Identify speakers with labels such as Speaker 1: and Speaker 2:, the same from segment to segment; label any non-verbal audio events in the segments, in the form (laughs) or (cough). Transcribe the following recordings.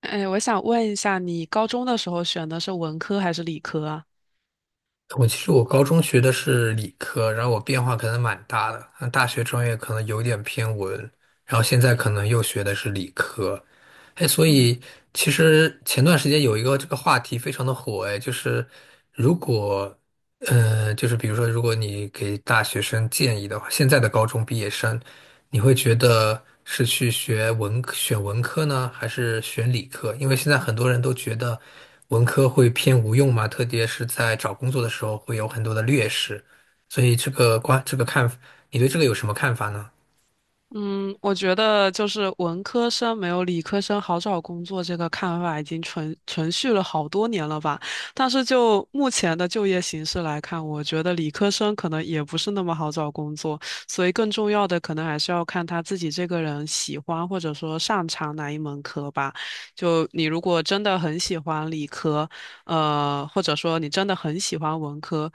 Speaker 1: 哎，我想问一下，你高中的时候选的是文科还是理科啊？
Speaker 2: 我其实我高中学的是理科，然后我变化可能蛮大的，那大学专业可能有点偏文，然后现在可能又学的是理科，哎，所
Speaker 1: 嗯
Speaker 2: 以其实前段时间有一个这个话题非常的火，哎，就是如果就是比如说，如果你给大学生建议的话，现在的高中毕业生，你会觉得是去学文科选文科呢，还是选理科？因为现在很多人都觉得文科会偏无用嘛，特别是在找工作的时候会有很多的劣势，所以这个观，这个看，你对这个有什么看法呢？
Speaker 1: 嗯，我觉得就是文科生没有理科生好找工作这个看法已经存续了好多年了吧。但是就目前的就业形势来看，我觉得理科生可能也不是那么好找工作，所以更重要的可能还是要看他自己这个人喜欢或者说擅长哪一门科吧。就你如果真的很喜欢理科，或者说你真的很喜欢文科。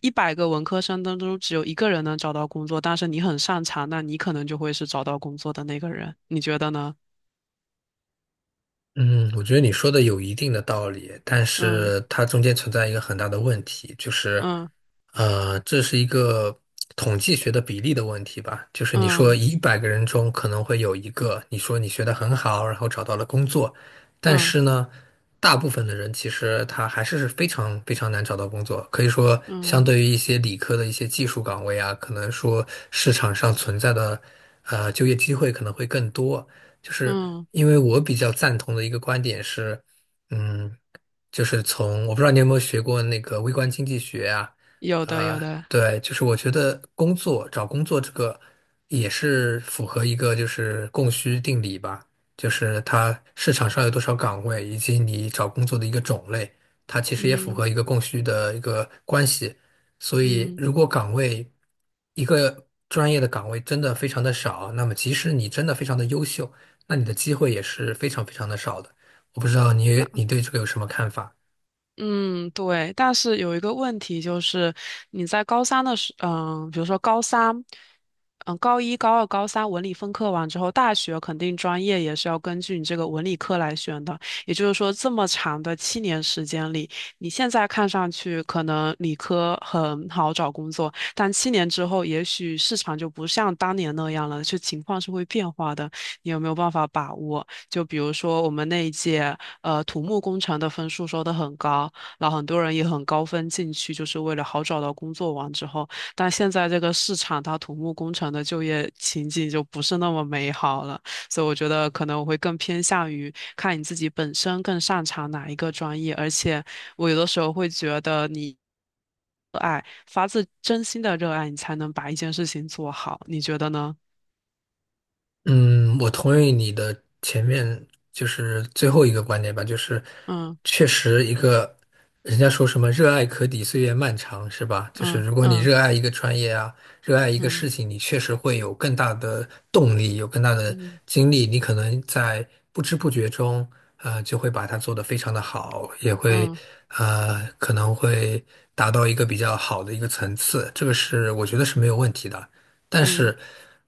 Speaker 1: 100个文科生当中只有一个人能找到工作，但是你很擅长，那你可能就会是找到工作的那个人，你觉得呢？
Speaker 2: 嗯，我觉得你说的有一定的道理，但
Speaker 1: 嗯
Speaker 2: 是它中间存在一个很大的问题，就是，
Speaker 1: 嗯
Speaker 2: 这是一个统计学的比例的问题吧。就是你说
Speaker 1: 嗯
Speaker 2: 100个人中可能会有一个，你说你学得很好，然后找到了工作，但
Speaker 1: 嗯
Speaker 2: 是呢，大部分的人其实他还是非常非常难找到工作。可以说，相
Speaker 1: 嗯
Speaker 2: 对于一些理科的一些技术岗位啊，可能说市场上存在的就业机会可能会更多。就是
Speaker 1: 嗯，
Speaker 2: 因为我比较赞同的一个观点是，嗯，就是从我不知道你有没有学过那个微观经济学啊，
Speaker 1: 有的有
Speaker 2: 呃，
Speaker 1: 的，
Speaker 2: 对，就是我觉得工作找工作这个也是符合一个就是供需定理吧，就是它市场上有多少岗位，以及你找工作的一个种类，它其实也符
Speaker 1: 嗯
Speaker 2: 合一个供需的一个关系。所以，
Speaker 1: 嗯。
Speaker 2: 如果岗位一个专业的岗位真的非常的少，那么即使你真的非常的优秀，那你的机会也是非常非常的少的。我不知道你对这个有什么看法？
Speaker 1: 嗯，对，但是有一个问题就是，你在高三的时，嗯，比如说高三，高一、高二、高三文理分科完之后，大学肯定专业也是要根据你这个文理科来选的。也就是说，这么长的七年时间里，你现在看上去可能理科很好找工作，但七年之后，也许市场就不像当年那样了，就情况是会变化的。你有没有办法把握？就比如说我们那一届，土木工程的分数收得很高。然后很多人也很高分进去，就是为了好找到工作完之后。但现在这个市场，它土木工程的就业情景就不是那么美好了，所以我觉得可能我会更偏向于看你自己本身更擅长哪一个专业，而且我有的时候会觉得你发自真心的热爱，你才能把一件事情做好，你觉得呢？
Speaker 2: 嗯，我同意你的前面就是最后一个观点吧，就是
Speaker 1: 嗯
Speaker 2: 确实一个人家说什么"热爱可抵岁月漫长"是吧？就是
Speaker 1: 嗯
Speaker 2: 如果你
Speaker 1: 嗯
Speaker 2: 热爱一个专业啊，热爱一个事
Speaker 1: 嗯
Speaker 2: 情，你确实会有更大的动力，有更大的
Speaker 1: 嗯
Speaker 2: 精力，你可能在不知不觉中，就会把它做得非常的好，也会
Speaker 1: 嗯
Speaker 2: 可能会达到一个比较好的一个层次，这个是我觉得是没有问题的。但
Speaker 1: 嗯
Speaker 2: 是，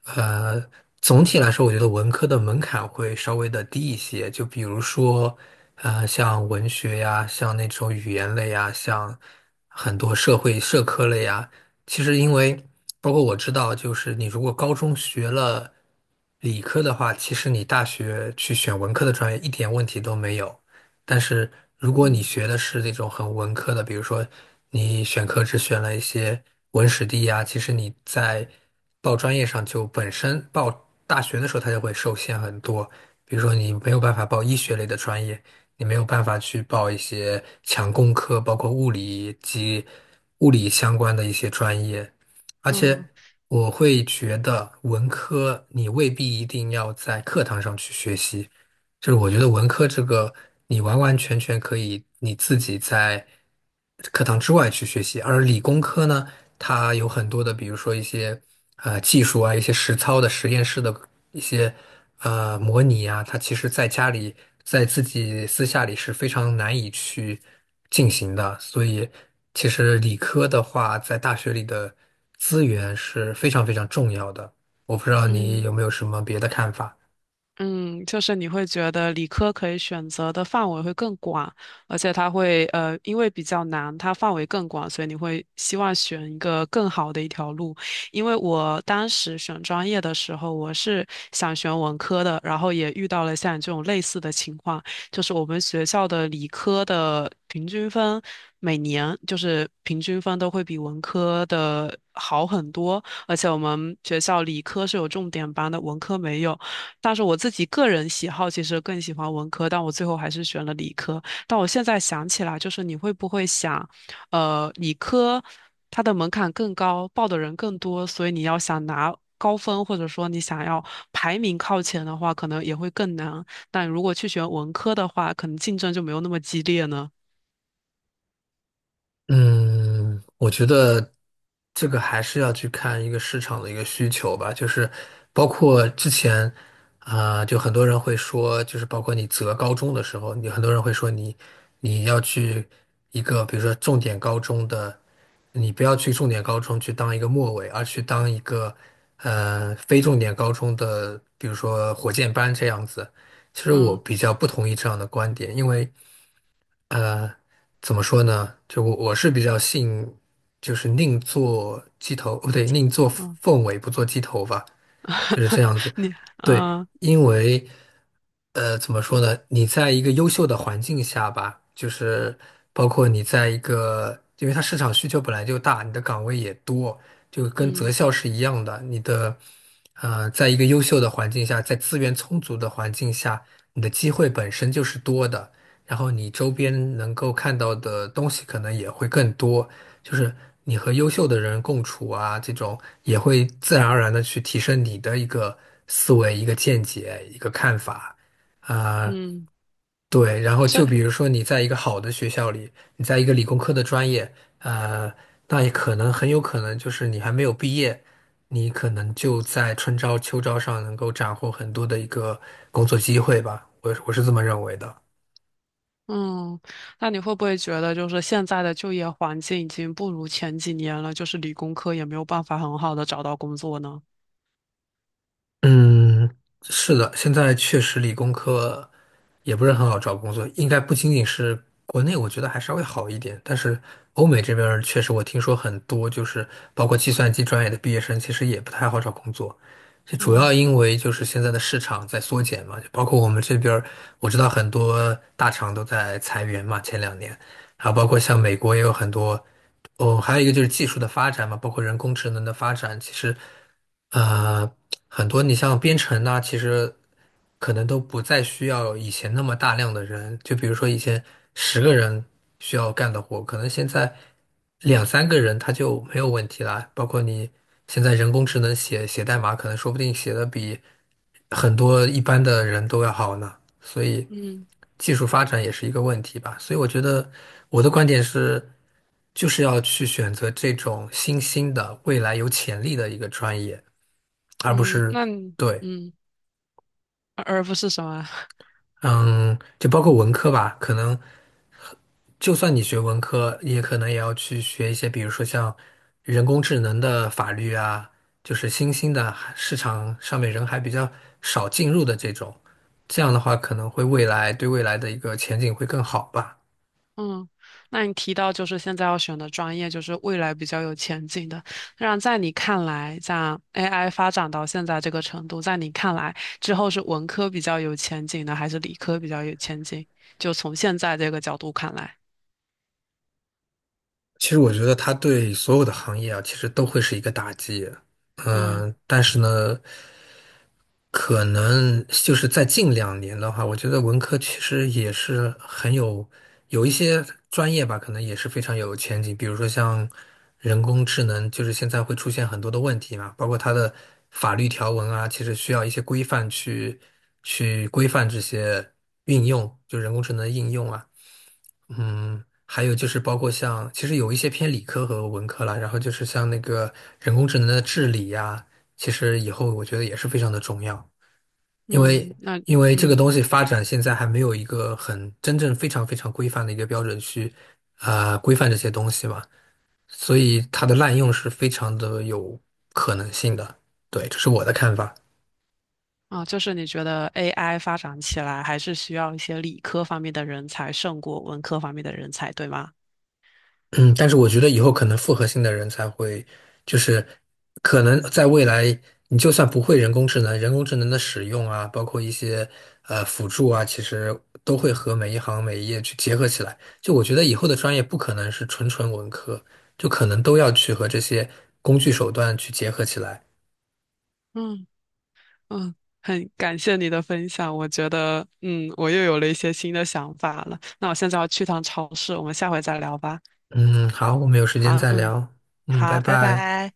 Speaker 2: 呃，总体来说，我觉得文科的门槛会稍微的低一些。就比如说，像文学呀，像那种语言类呀，像很多社会社科类呀，其实因为包括我知道，就是你如果高中学了理科的话，其实你大学去选文科的专业一点问题都没有。但是如果你
Speaker 1: 嗯
Speaker 2: 学的是那种很文科的，比如说你选课只选了一些文史地呀，其实你在报专业上就本身报大学的时候它就会受限很多，比如说你没有办法报医学类的专业，你没有办法去报一些强工科，包括物理及物理相关的一些专业，而且。
Speaker 1: 嗯
Speaker 2: 我会觉得文科你未必一定要在课堂上去学习，就是我觉得文科这个，你完完全全可以你自己在课堂之外去学习，而理工科呢，它有很多的，比如说一些技术啊，一些实操的实验室的一些模拟啊，它其实在家里在自己私下里是非常难以去进行的，所以其实理科的话，在大学里的资源是非常非常重要的。我不知道你
Speaker 1: 嗯。
Speaker 2: 有没有什么别的看法。
Speaker 1: 嗯，就是你会觉得理科可以选择的范围会更广，而且它会因为比较难，它范围更广，所以你会希望选一个更好的一条路。因为我当时选专业的时候，我是想选文科的，然后也遇到了像你这种类似的情况，就是我们学校的理科的平均分每年就是平均分都会比文科的好很多，而且我们学校理科是有重点班的，文科没有。但是我自己个人喜好其实更喜欢文科，但我最后还是选了理科。但我现在想起来，就是你会不会想，理科它的门槛更高，报的人更多，所以你要想拿高分，或者说你想要排名靠前的话，可能也会更难。但如果去选文科的话，可能竞争就没有那么激烈呢。
Speaker 2: 嗯，我觉得这个还是要去看一个市场的一个需求吧，就是包括之前啊、就很多人会说，就是包括你择高中的时候，你很多人会说你要去一个比如说重点高中的，你不要去重点高中去当一个末尾，而去当一个非重点高中的，比如说火箭班这样子。其实我
Speaker 1: 嗯
Speaker 2: 比较不同意这样的观点，因为呃，怎么说呢？就我是比较信，就是宁做鸡头，不对，宁做
Speaker 1: 嗯，
Speaker 2: 凤尾，不做鸡头吧。就是这
Speaker 1: (laughs)
Speaker 2: 样子。
Speaker 1: 你
Speaker 2: 对，
Speaker 1: 嗯
Speaker 2: 因为怎么说呢？你在一个优秀的环境下吧，就是包括你在一个，因为它市场需求本来就大，你的岗位也多，就跟择
Speaker 1: 嗯
Speaker 2: 校是一样的。你的在一个优秀的环境下，在资源充足的环境下，你的机会本身就是多的，然后你周边能够看到的东西可能也会更多。就是你和优秀的人共处啊，这种也会自然而然的去提升你的一个思维、一个见解、一个看法啊，
Speaker 1: 嗯，
Speaker 2: 对。然后就
Speaker 1: 这。
Speaker 2: 比如说你在一个好的学校里，你在一个理工科的专业，呃，那也可能很有可能就是你还没有毕业，你可能就在春招秋招上能够斩获很多的一个工作机会吧，我是这么认为的。
Speaker 1: 嗯，那你会不会觉得，就是现在的就业环境已经不如前几年了，就是理工科也没有办法很好的找到工作呢？
Speaker 2: 嗯，是的，现在确实理工科也不是很好找工作，应该不仅仅是国内，我觉得还稍微好一点，但是欧美这边儿确实我听说很多，就是包括计算机专业的毕业生，其实也不太好找工作。这主要
Speaker 1: 嗯
Speaker 2: 因为就是现在的市场在缩减嘛，就包括我们这边儿我知道很多大厂都在裁员嘛，前两年。还有包括像美国也有很多，哦，还有一个就是技术的发展嘛，包括人工智能的发展，其实，呃，很多你像编程呐、其实可能都不再需要以前那么大量的人，就比如说以前10个人需要干的活，可能现在两三个人他就没有问题啦。包括你现在人工智能写写代码，可能说不定写的比很多一般的人都要好呢。所以
Speaker 1: 嗯
Speaker 2: 技术发展也是一个问题吧。所以我觉得我的观点是，就是要去选择这种新兴的、未来有潜力的一个专业，而不
Speaker 1: 嗯，
Speaker 2: 是
Speaker 1: 那你
Speaker 2: 对，
Speaker 1: 嗯，而不是什么？(laughs)
Speaker 2: 嗯，就包括文科吧，可能就算你学文科，也可能也要去学一些，比如说像人工智能的法律啊，就是新兴的市场上面人还比较少进入的这种，这样的话可能会未来对未来的一个前景会更好吧。
Speaker 1: 嗯，那你提到就是现在要选的专业，就是未来比较有前景的。那在你看来，像 AI 发展到现在这个程度，在你看来之后是文科比较有前景呢，还是理科比较有前景？就从现在这个角度看来，
Speaker 2: 其实我觉得它对所有的行业啊，其实都会是一个打击。
Speaker 1: 嗯
Speaker 2: 嗯，但是呢，可能就是在近两年的话，我觉得文科其实也是很有有一些专业吧，可能也是非常有前景。比如说像人工智能，就是现在会出现很多的问题嘛，包括它的法律条文啊，其实需要一些规范去去规范这些运用，就人工智能的应用啊。嗯，还有就是包括像，其实有一些偏理科和文科啦，然后就是像那个人工智能的治理呀，其实以后我觉得也是非常的重要，因为
Speaker 1: 嗯，
Speaker 2: 因为这个
Speaker 1: 嗯。
Speaker 2: 东西发展现在还没有一个很真正非常非常规范的一个标准去啊、规范这些东西嘛，所以它的滥用是非常的有可能性的。对，这是我的看法。
Speaker 1: 啊，就是你觉得 AI 发展起来还是需要一些理科方面的人才胜过文科方面的人才，对吗？
Speaker 2: 嗯，但是我觉得以后可能复合性的人才会，就是可能在未来，你就算不会人工智能，人工智能的使用啊，包括一些辅助啊，其实都会和每一行每一业去结合起来。就我觉得以后的专业不可能是纯纯文科，就可能都要去和这些工具手段去结合起来。
Speaker 1: 嗯嗯，很感谢你的分享，我觉得我又有了一些新的想法了。那我现在要去趟超市，我们下回再聊吧。
Speaker 2: 嗯，好，我们有时间
Speaker 1: 好，
Speaker 2: 再
Speaker 1: 嗯，
Speaker 2: 聊。嗯，
Speaker 1: 好，
Speaker 2: 拜
Speaker 1: 拜
Speaker 2: 拜。
Speaker 1: 拜。